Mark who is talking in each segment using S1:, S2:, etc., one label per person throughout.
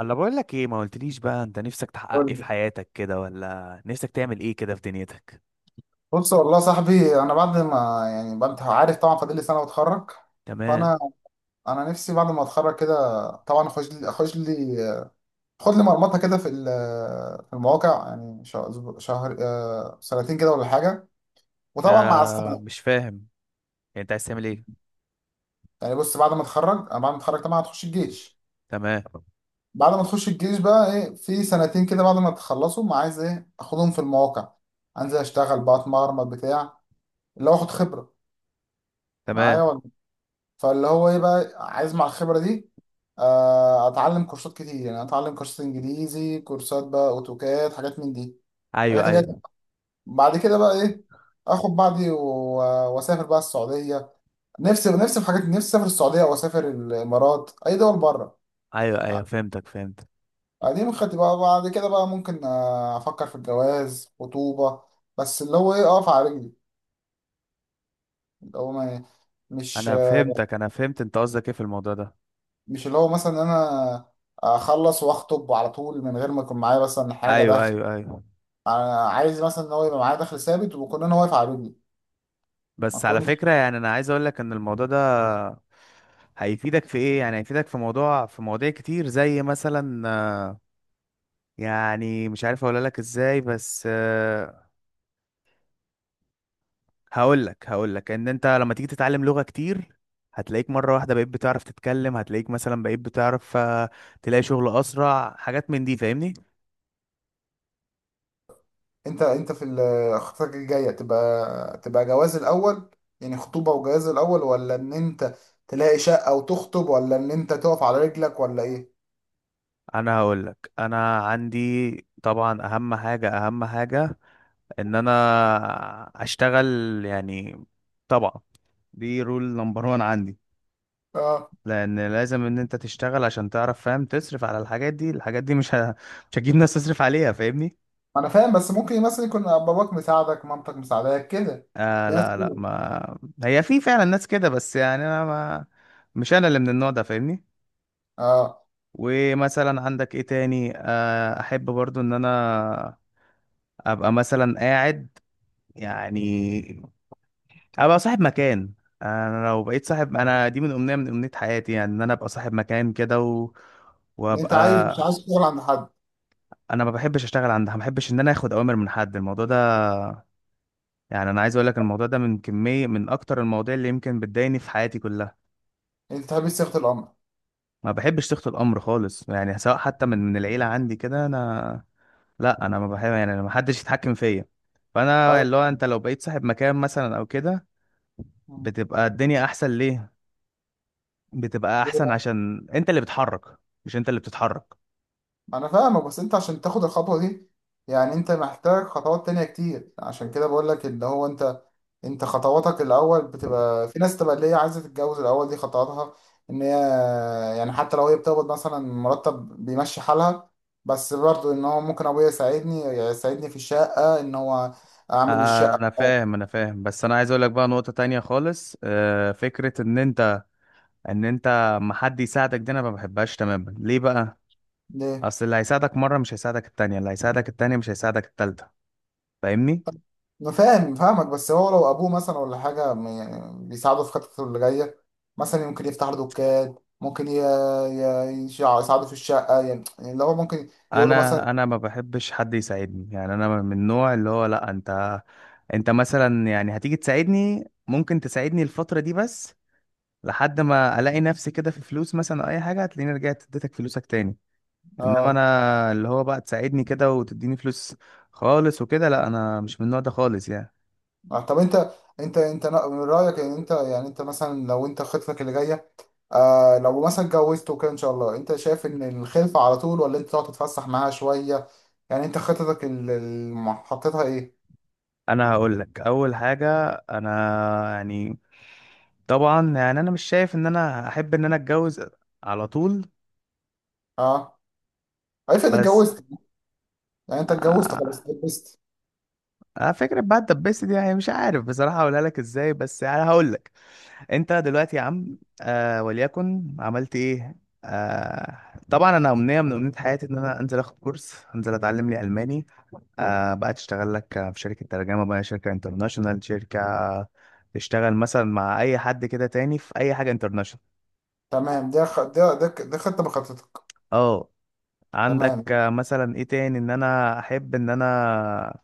S1: انا بقول لك ايه ما قلتليش بقى، انت نفسك تحقق ايه
S2: قول
S1: في
S2: لي.
S1: حياتك كده، ولا نفسك تعمل ايه كده في دنيتك؟
S2: بص والله يا صاحبي، انا بعد ما، يعني بعد عارف طبعا، فاضل لي سنه واتخرج.
S1: تمام.
S2: فانا نفسي بعد ما اتخرج كده، طبعا اخش لي خد لي مرمطه كده في المواقع، يعني شهر, شهر آه، سنتين كده ولا حاجه، وطبعا مع
S1: آه،
S2: السنه.
S1: مش فاهم. يعني انت عايز تعمل ايه؟
S2: يعني بص، بعد ما اتخرج طبعا هتخش الجيش.
S1: تمام
S2: بعد ما تخش الجيش بقى ايه، في سنتين كده بعد ما تخلصوا ما عايز ايه اخدهم في المواقع، انزل اشتغل بقى، اتمرمط بتاع اللي هو اخد خبره
S1: تمام.
S2: معايا. فاللي هو ايه بقى عايز مع الخبرة دي؟ اتعلم كورسات كتير، يعني اتعلم كورسات انجليزي، كورسات بقى اوتوكاد، حاجات من دي،
S1: ايوه،
S2: حاجات اللي هي.
S1: ايوه.
S2: بعد كده بقى ايه، اخد بعضي واسافر بقى السعودية. نفسي، نفسي في حاجات، نفسي اسافر السعودية واسافر الامارات، اي دول بره.
S1: ايوه، ايوه، فهمت.
S2: دي مخطط بقى. بعد كده بقى ممكن افكر في الجواز، خطوبة. بس اللي هو ايه، اقف على رجلي، اللي هو ما مش
S1: انا فهمت انت قصدك ايه في الموضوع ده؟
S2: مش اللي هو مثلا انا اخلص واخطب على طول من غير ما يكون معايا مثلا حاجة
S1: ايوه،
S2: دخل.
S1: ايوه، ايوه.
S2: عايز مثلا ان هو يبقى معايا دخل ثابت ويكون انا واقف على رجلي، ما
S1: بس على فكرة،
S2: اكونش.
S1: يعني انا عايز اقول لك ان الموضوع ده هيفيدك في ايه. يعني هيفيدك في موضوع في مواضيع كتير زي مثلا، يعني مش عارف اقول لك ازاي، بس هقول لك ان انت لما تيجي تتعلم لغة كتير، هتلاقيك مرة واحدة بقيت بتعرف تتكلم، هتلاقيك مثلا بقيت بتعرف، تلاقي شغل اسرع، حاجات من دي. فاهمني؟
S2: انت، خطتك الجايه تبقى جواز الاول؟ يعني خطوبه وجواز الاول؟ ولا ان انت تلاقي شقه وتخطب؟ ولا ان انت تقف على رجلك؟ ولا ايه؟
S1: انا هقول لك، انا عندي طبعا اهم حاجة، اهم حاجة ان انا اشتغل. يعني طبعا دي رول نمبر وان عندي.
S2: اه،
S1: لان لازم ان انت تشتغل عشان تعرف، فاهم، تصرف على الحاجات دي. الحاجات دي مش هتجيب ناس تصرف عليها. فاهمني؟
S2: انا فاهم، بس ممكن مثلا يكون باباك مساعدك، مامتك مساعداك كده،
S1: آه،
S2: في ناس
S1: لا، لا،
S2: كده.
S1: ما هي في فعلا ناس كده، بس يعني انا ما مش انا اللي من النوع ده. فاهمني؟
S2: اه،
S1: ومثلا عندك ايه تاني، آه، احب برضو ان انا ابقى مثلا قاعد، يعني ابقى صاحب مكان. انا لو بقيت صاحب، دي من امنية من امنية حياتي، يعني ان انا ابقى صاحب مكان كده
S2: انت عايز، مش عايز
S1: وابقى.
S2: تشتغل عند حد؟
S1: انا ما بحبش اشتغل عندها، ما بحبش ان انا اخد اوامر من حد، الموضوع ده يعني انا عايز اقول لك الموضوع ده من كمية من اكتر المواضيع اللي يمكن بتضايقني في حياتي كلها.
S2: انت تحب صيغه الامر؟
S1: ما بحبش تخت الامر خالص، يعني سواء حتى من العيله، عندي كده انا. لا، انا ما بحب، يعني أنا ما حدش يتحكم فيا. فانا اللي هو، انت لو بقيت صاحب مكان مثلا او كده،
S2: ايوه،
S1: بتبقى الدنيا احسن. ليه؟ بتبقى احسن عشان انت اللي بتحرك، مش انت اللي بتتحرك.
S2: انا فاهمك، بس انت عشان تاخد الخطوه دي يعني انت محتاج خطوات تانية كتير. عشان كده بقول لك اللي هو انت، انت خطواتك الاول بتبقى، في ناس تبقى اللي هي عايزه تتجوز الاول، دي خطواتها ان هي، يعني حتى لو هي بتقبض مثلا مرتب بيمشي حالها، بس برضه ان هو ممكن ابويا يساعدني، يساعدني في الشقه ان هو اعمل
S1: آه،
S2: الشقه
S1: انا فاهم، انا فاهم، بس انا عايز اقول لك بقى نقطه تانية خالص. فكره ان انت، ما حد يساعدك دي، انا ما بحبهاش تماما. ليه بقى؟
S2: ليه.
S1: اصل اللي هيساعدك مره مش هيساعدك التانية، اللي هيساعدك التانية مش هيساعدك التالتة. فاهمني؟
S2: انا فاهم، فاهمك، بس هو لو ابوه مثلا ولا حاجه، يعني بيساعده في خطته اللي جايه. مثلا ممكن يفتح له دكان، ممكن يساعده في الشقه، يعني يعني اللي هو ممكن يقول له مثلا.
S1: انا ما بحبش حد يساعدني، يعني انا من النوع اللي هو لا، انت مثلا يعني هتيجي تساعدني، ممكن تساعدني الفترة دي بس، لحد ما الاقي نفسي كده في فلوس مثلا او اي حاجة، هتلاقيني رجعت اديتك فلوسك تاني. انما
S2: اه.
S1: انا اللي هو بقى تساعدني كده وتديني فلوس خالص وكده، لا، انا مش من النوع ده خالص يعني.
S2: طب انت، انت من رايك ان انت، يعني انت مثلا لو انت خطتك اللي جايه، لو مثلا اتجوزت وكده ان شاء الله، انت شايف ان الخلفه على طول؟ ولا انت تقعد تتفسح معاها شويه؟ يعني انت خطتك اللي حطيتها ايه؟
S1: انا هقول لك اول حاجة. انا يعني طبعا، يعني انا مش شايف ان انا احب ان انا اتجوز على طول.
S2: اه، افرض
S1: بس
S2: اتجوزت. يعني انت اتجوزت، خلاص اتجوزت.
S1: اه، فكرة بقى الدباسة دي، يعني مش عارف بصراحة هقولها لك ازاي، بس يعني هقول لك. انت دلوقتي يا عم، وليكن عملت ايه؟ آه طبعا انا امنية من امنية حياتي ان انا انزل اخد كورس، انزل اتعلم لي الماني. بقى تشتغل لك في شركة ترجمة، بقى شركة انترناشونال، شركة تشتغل مثلا مع اي حد كده تاني في اي حاجة انترناشونال.
S2: تمام. ده خ... ده ده ك- ده خطة بخطتك.
S1: اه، عندك،
S2: تمام،
S1: مثلا ايه تاني ان انا احب ان انا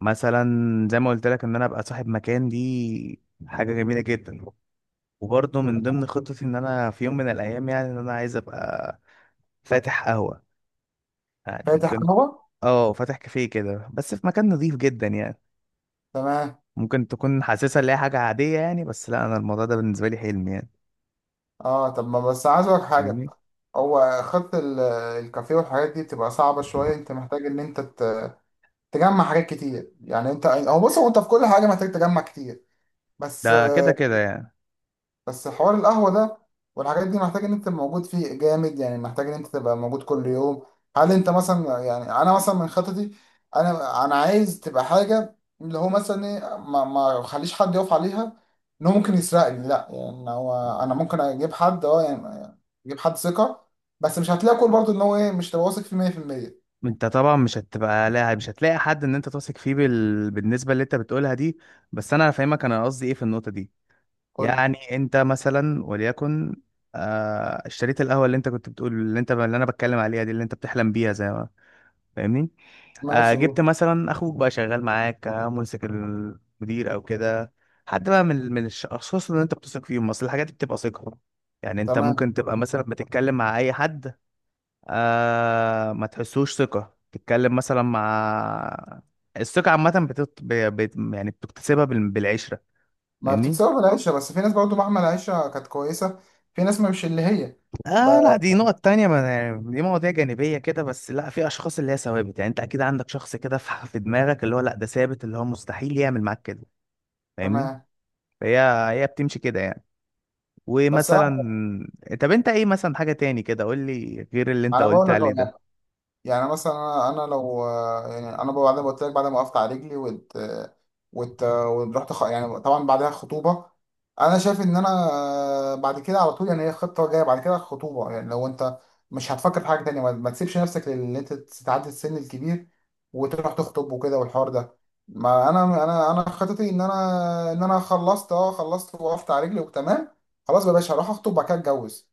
S1: مثلا، زي ما قلت لك ان انا ابقى صاحب مكان دي، حاجة جميلة جدا. وبرضه من ضمن خطتي ان انا في يوم من الايام، يعني ان انا عايز ابقى فاتح قهوة، يعني
S2: فاتح
S1: ممكن.
S2: قهوة.
S1: اه، فاتح كافيه كده بس في مكان نظيف جدا يعني.
S2: تمام.
S1: ممكن تكون حاسسها اللي هي حاجة عادية يعني، بس لا، انا الموضوع ده بالنسبة لي حلم يعني.
S2: اه، طب ما بس عايز اقولك حاجة.
S1: فاهمني؟
S2: هو الكافيه والحاجات دي بتبقى صعبة شوية، انت محتاج ان انت تجمع حاجات كتير. يعني انت، هو بص هو انت في كل حاجة محتاج تجمع كتير. بس،
S1: ده كده كده يعني.
S2: بس حوار القهوة ده والحاجات دي، محتاج ان انت تبقى موجود فيه جامد، يعني محتاج ان انت تبقى موجود كل يوم. هل انت مثلا، يعني انا مثلا من خططي، انا عايز تبقى حاجة اللي هو مثلا ايه، ما اخليش حد يقف عليها ان هو ممكن يسرقني. لا يعني هو، انا ممكن اجيب حد، يعني اجيب حد ثقة، بس مش هتلاقي كل، برضه ان هو ايه، مش تبقى واثق فيه 100%.
S1: انت طبعا مش هتبقى لا مش هتلاقي حد ان انت تثق فيه بالنسبة اللي انت بتقولها دي. بس انا هفهمك انا قصدي ايه في النقطة دي.
S2: قول.
S1: يعني انت مثلا وليكن، اشتريت القهوة اللي انت كنت بتقول، اللي انا بتكلم عليها دي، اللي انت بتحلم بيها زي ما، فاهمني؟
S2: ماشي،
S1: جبت
S2: قول.
S1: مثلا اخوك بقى شغال معاك، ممسك المدير او كده، حد بقى من الاشخاص اللي انت بتثق فيهم. اصل الحاجات دي بتبقى ثقه، يعني انت
S2: تمام.
S1: ممكن تبقى مثلا بتتكلم مع اي حد، ما تحسوش ثقه، تتكلم مثلا مع الثقه عامه، يعني بتكتسبها بالعشره.
S2: ما
S1: فاهمني؟
S2: بتتسوى بالعيشة، بس في ناس برضه مهما العيشة كانت كويسة، في ناس مش اللي هي. ب-
S1: اه لا، دي نقط تانية، ما يعني دي مواضيع جانبية كده، بس لا، في اشخاص اللي هي ثوابت، يعني انت اكيد عندك شخص كده في دماغك اللي هو لا، ده ثابت، اللي هو مستحيل يعمل معاك كده. فاهمني؟
S2: تمام،
S1: هي هي بتمشي كده يعني.
S2: بس
S1: ومثلا،
S2: اه،
S1: طب انت ايه مثلا حاجة تاني كده، قول لي غير اللي انت
S2: انا بقول
S1: قلت
S2: لك
S1: عليه
S2: أهو، يعني،
S1: ده.
S2: يعني مثلا انا، انا لو، يعني انا بعد ما قلت لك بعد ما وقفت على رجلي، يعني طبعا بعدها خطوبه. انا شايف ان انا بعد كده على طول، يعني هي خطه جايه بعد كده الخطوبه، يعني لو انت مش هتفكر في حاجه تانية ما تسيبش نفسك لان انت تتعدي السن الكبير وتروح تخطب وكده والحوار ده. ما انا خطتي ان انا ان انا خلصت، خلصت، وقفت على رجلي وتمام. خلاص بقى يا باشا، هروح اخطب وبعد كده اتجوز،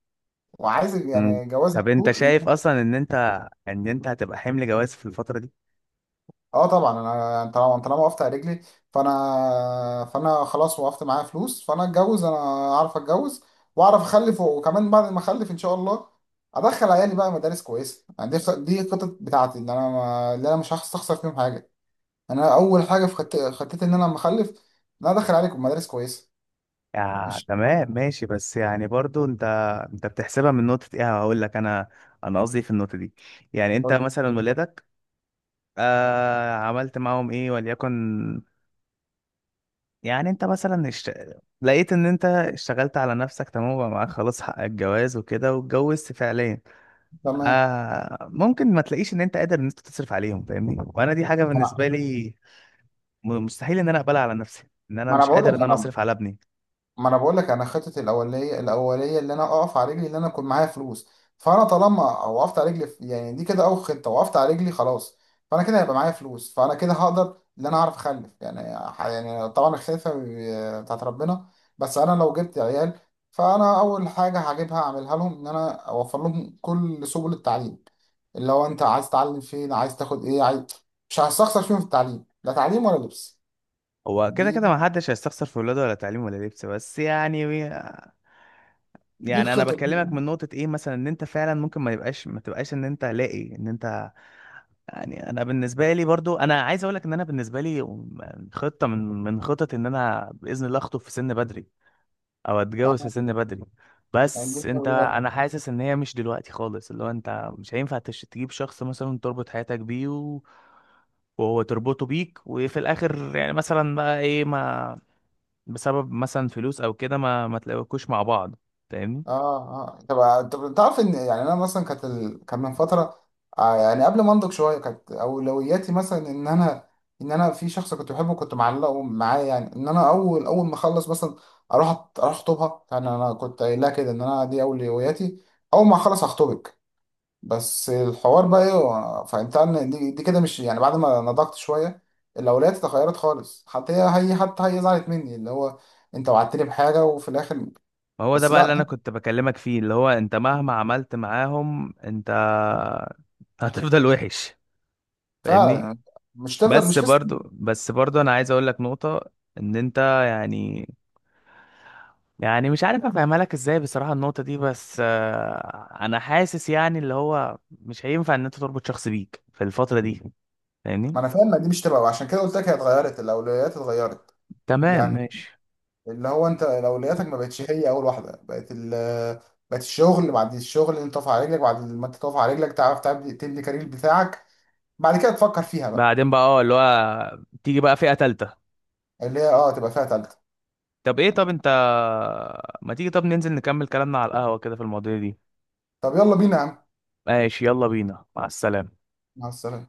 S2: وعايز
S1: مم.
S2: يعني جواز على
S1: طب انت
S2: طول.
S1: شايف اصلا ان انت هتبقى حمل جواز في الفترة دي؟
S2: اه، طبعا انا طالما انت، طالما وقفت على رجلي فانا فانا خلاص، وقفت معايا فلوس، فانا اتجوز، انا اعرف اتجوز، واعرف اخلف، وكمان بعد ما اخلف ان شاء الله ادخل عيالي بقى مدارس كويسه. يعني دي، الخطط بتاعتي ان انا ما... اللي انا مش هستخسر فيهم حاجه. يعني انا اول حاجه في خطتي ان انا لما اخلف ان انا ادخل عليكم مدارس كويسه.
S1: يا
S2: مش
S1: تمام، ماشي. بس يعني برضو انت بتحسبها من نقطة ايه؟ هقول لك انا. انا قصدي إيه في النقطة دي؟ يعني انت مثلا ولادك، عملت معاهم ايه وليكن. يعني انت مثلا لقيت ان انت اشتغلت على نفسك تمام، وبقى معاك خلاص حق الجواز وكده، واتجوزت فعليا.
S2: تمام.
S1: آه، ممكن ما تلاقيش ان انت قادر ان انت تصرف عليهم. فاهمني؟ وانا دي حاجه
S2: ما انا
S1: بالنسبه لي مستحيل ان انا اقبلها على نفسي، ان انا
S2: ما أنا
S1: مش
S2: بقول
S1: قادر ان
S2: لك
S1: انا اصرف على ابني.
S2: ما انا بقول لك، انا خطتي الاوليه، اللي انا اقف على رجلي، اللي انا اكون معايا فلوس. فانا طالما وقفت على رجلي يعني دي كده اول خطه، وقفت على رجلي خلاص. فانا كده هيبقى معايا فلوس، فانا كده هقدر ان انا اعرف اخلف، يعني يعني طبعا الخلفه بتاعت ربنا. بس انا لو جبت عيال، فانا اول حاجه هجيبها اعملها لهم ان انا اوفر لهم كل سبل التعليم، اللي هو انت عايز تتعلم فين، عايز تاخد ايه، عايز. مش هستخسر فيهم، في التعليم لا، تعليم ولا لبس.
S1: هو كده كده،
S2: دي،
S1: ما حدش هيستخسر في ولاده، ولا تعليم ولا لبس، بس يعني،
S2: دي
S1: يعني انا
S2: الخطه دي
S1: بكلمك من
S2: إيه؟
S1: نقطه ايه، مثلا ان انت فعلا ممكن ما تبقاش ان انت لاقي ان انت. يعني انا بالنسبه لي برضو، انا عايز اقول لك ان انا بالنسبه لي خطه من خطط ان انا باذن الله اخطب في سن بدري، او
S2: آه،
S1: اتجوز في سن بدري.
S2: يعني دي.
S1: بس انا حاسس ان هي مش دلوقتي خالص، اللي هو انت مش هينفع تجيب شخص مثلا تربط حياتك بيه وهو تربطه بيك، وفي الاخر يعني مثلا بقى ايه، ما بسبب مثلا فلوس او كده ما تلاقوكوش مع بعض. فاهمني؟
S2: اه، اه طب طب، انت تعرف ان، يعني انا مثلا كانت كان من فتره، يعني قبل ما انضج شويه كانت اولوياتي مثلا ان انا، ان انا في شخص كنت بحبه كنت معلقه معاه، يعني ان انا اول اول ما اخلص مثلا اروح، اروح اخطبها. يعني انا كنت قايلها كده ان انا دي اولوياتي، اول ما اخلص هخطبك. بس الحوار بقى ايه، فانت ان دي كده مش، يعني بعد ما نضجت شويه الاولويات اتغيرت خالص. حتى هي، حتى هي زعلت مني. اللي هو انت وعدتني بحاجه وفي الاخر.
S1: ما هو ده
S2: بس
S1: بقى اللي انا
S2: لا،
S1: كنت بكلمك فيه، اللي هو انت مهما عملت معاهم انت هتفضل وحش. فاهمني؟
S2: فعلا، مش تفضل،
S1: بس
S2: مش قصه.
S1: برضو بس برضو انا عايز اقول لك نقطة ان انت، يعني يعني مش عارف افهمها لك ازاي بصراحة النقطة دي. بس انا حاسس يعني اللي هو مش هينفع ان انت تربط شخص بيك في الفترة دي. فاهمني؟
S2: ما انا فاهم، ما دي مش تبقى، وعشان كده قلت لك هي اتغيرت، الاولويات اتغيرت.
S1: تمام
S2: يعني
S1: ماشي.
S2: اللي هو انت اولوياتك ما بقتش هي اول واحده، بقت ال، بقت الشغل. بعد الشغل انت تقف على رجلك، بعد ما انت تقف على رجلك تعرف تبني كارير بتاعك، بعد كده تفكر فيها بقى.
S1: بعدين بقى، اه، اللي هو تيجي بقى فئة تالتة.
S2: اللي هي اه تبقى فيها تالته.
S1: طب ايه؟ طب انت ما تيجي، طب ننزل نكمل كلامنا على القهوة كده في المواضيع دي.
S2: طب يلا بينا يا عم.
S1: ماشي، يلا بينا. مع السلامة.
S2: مع السلامه.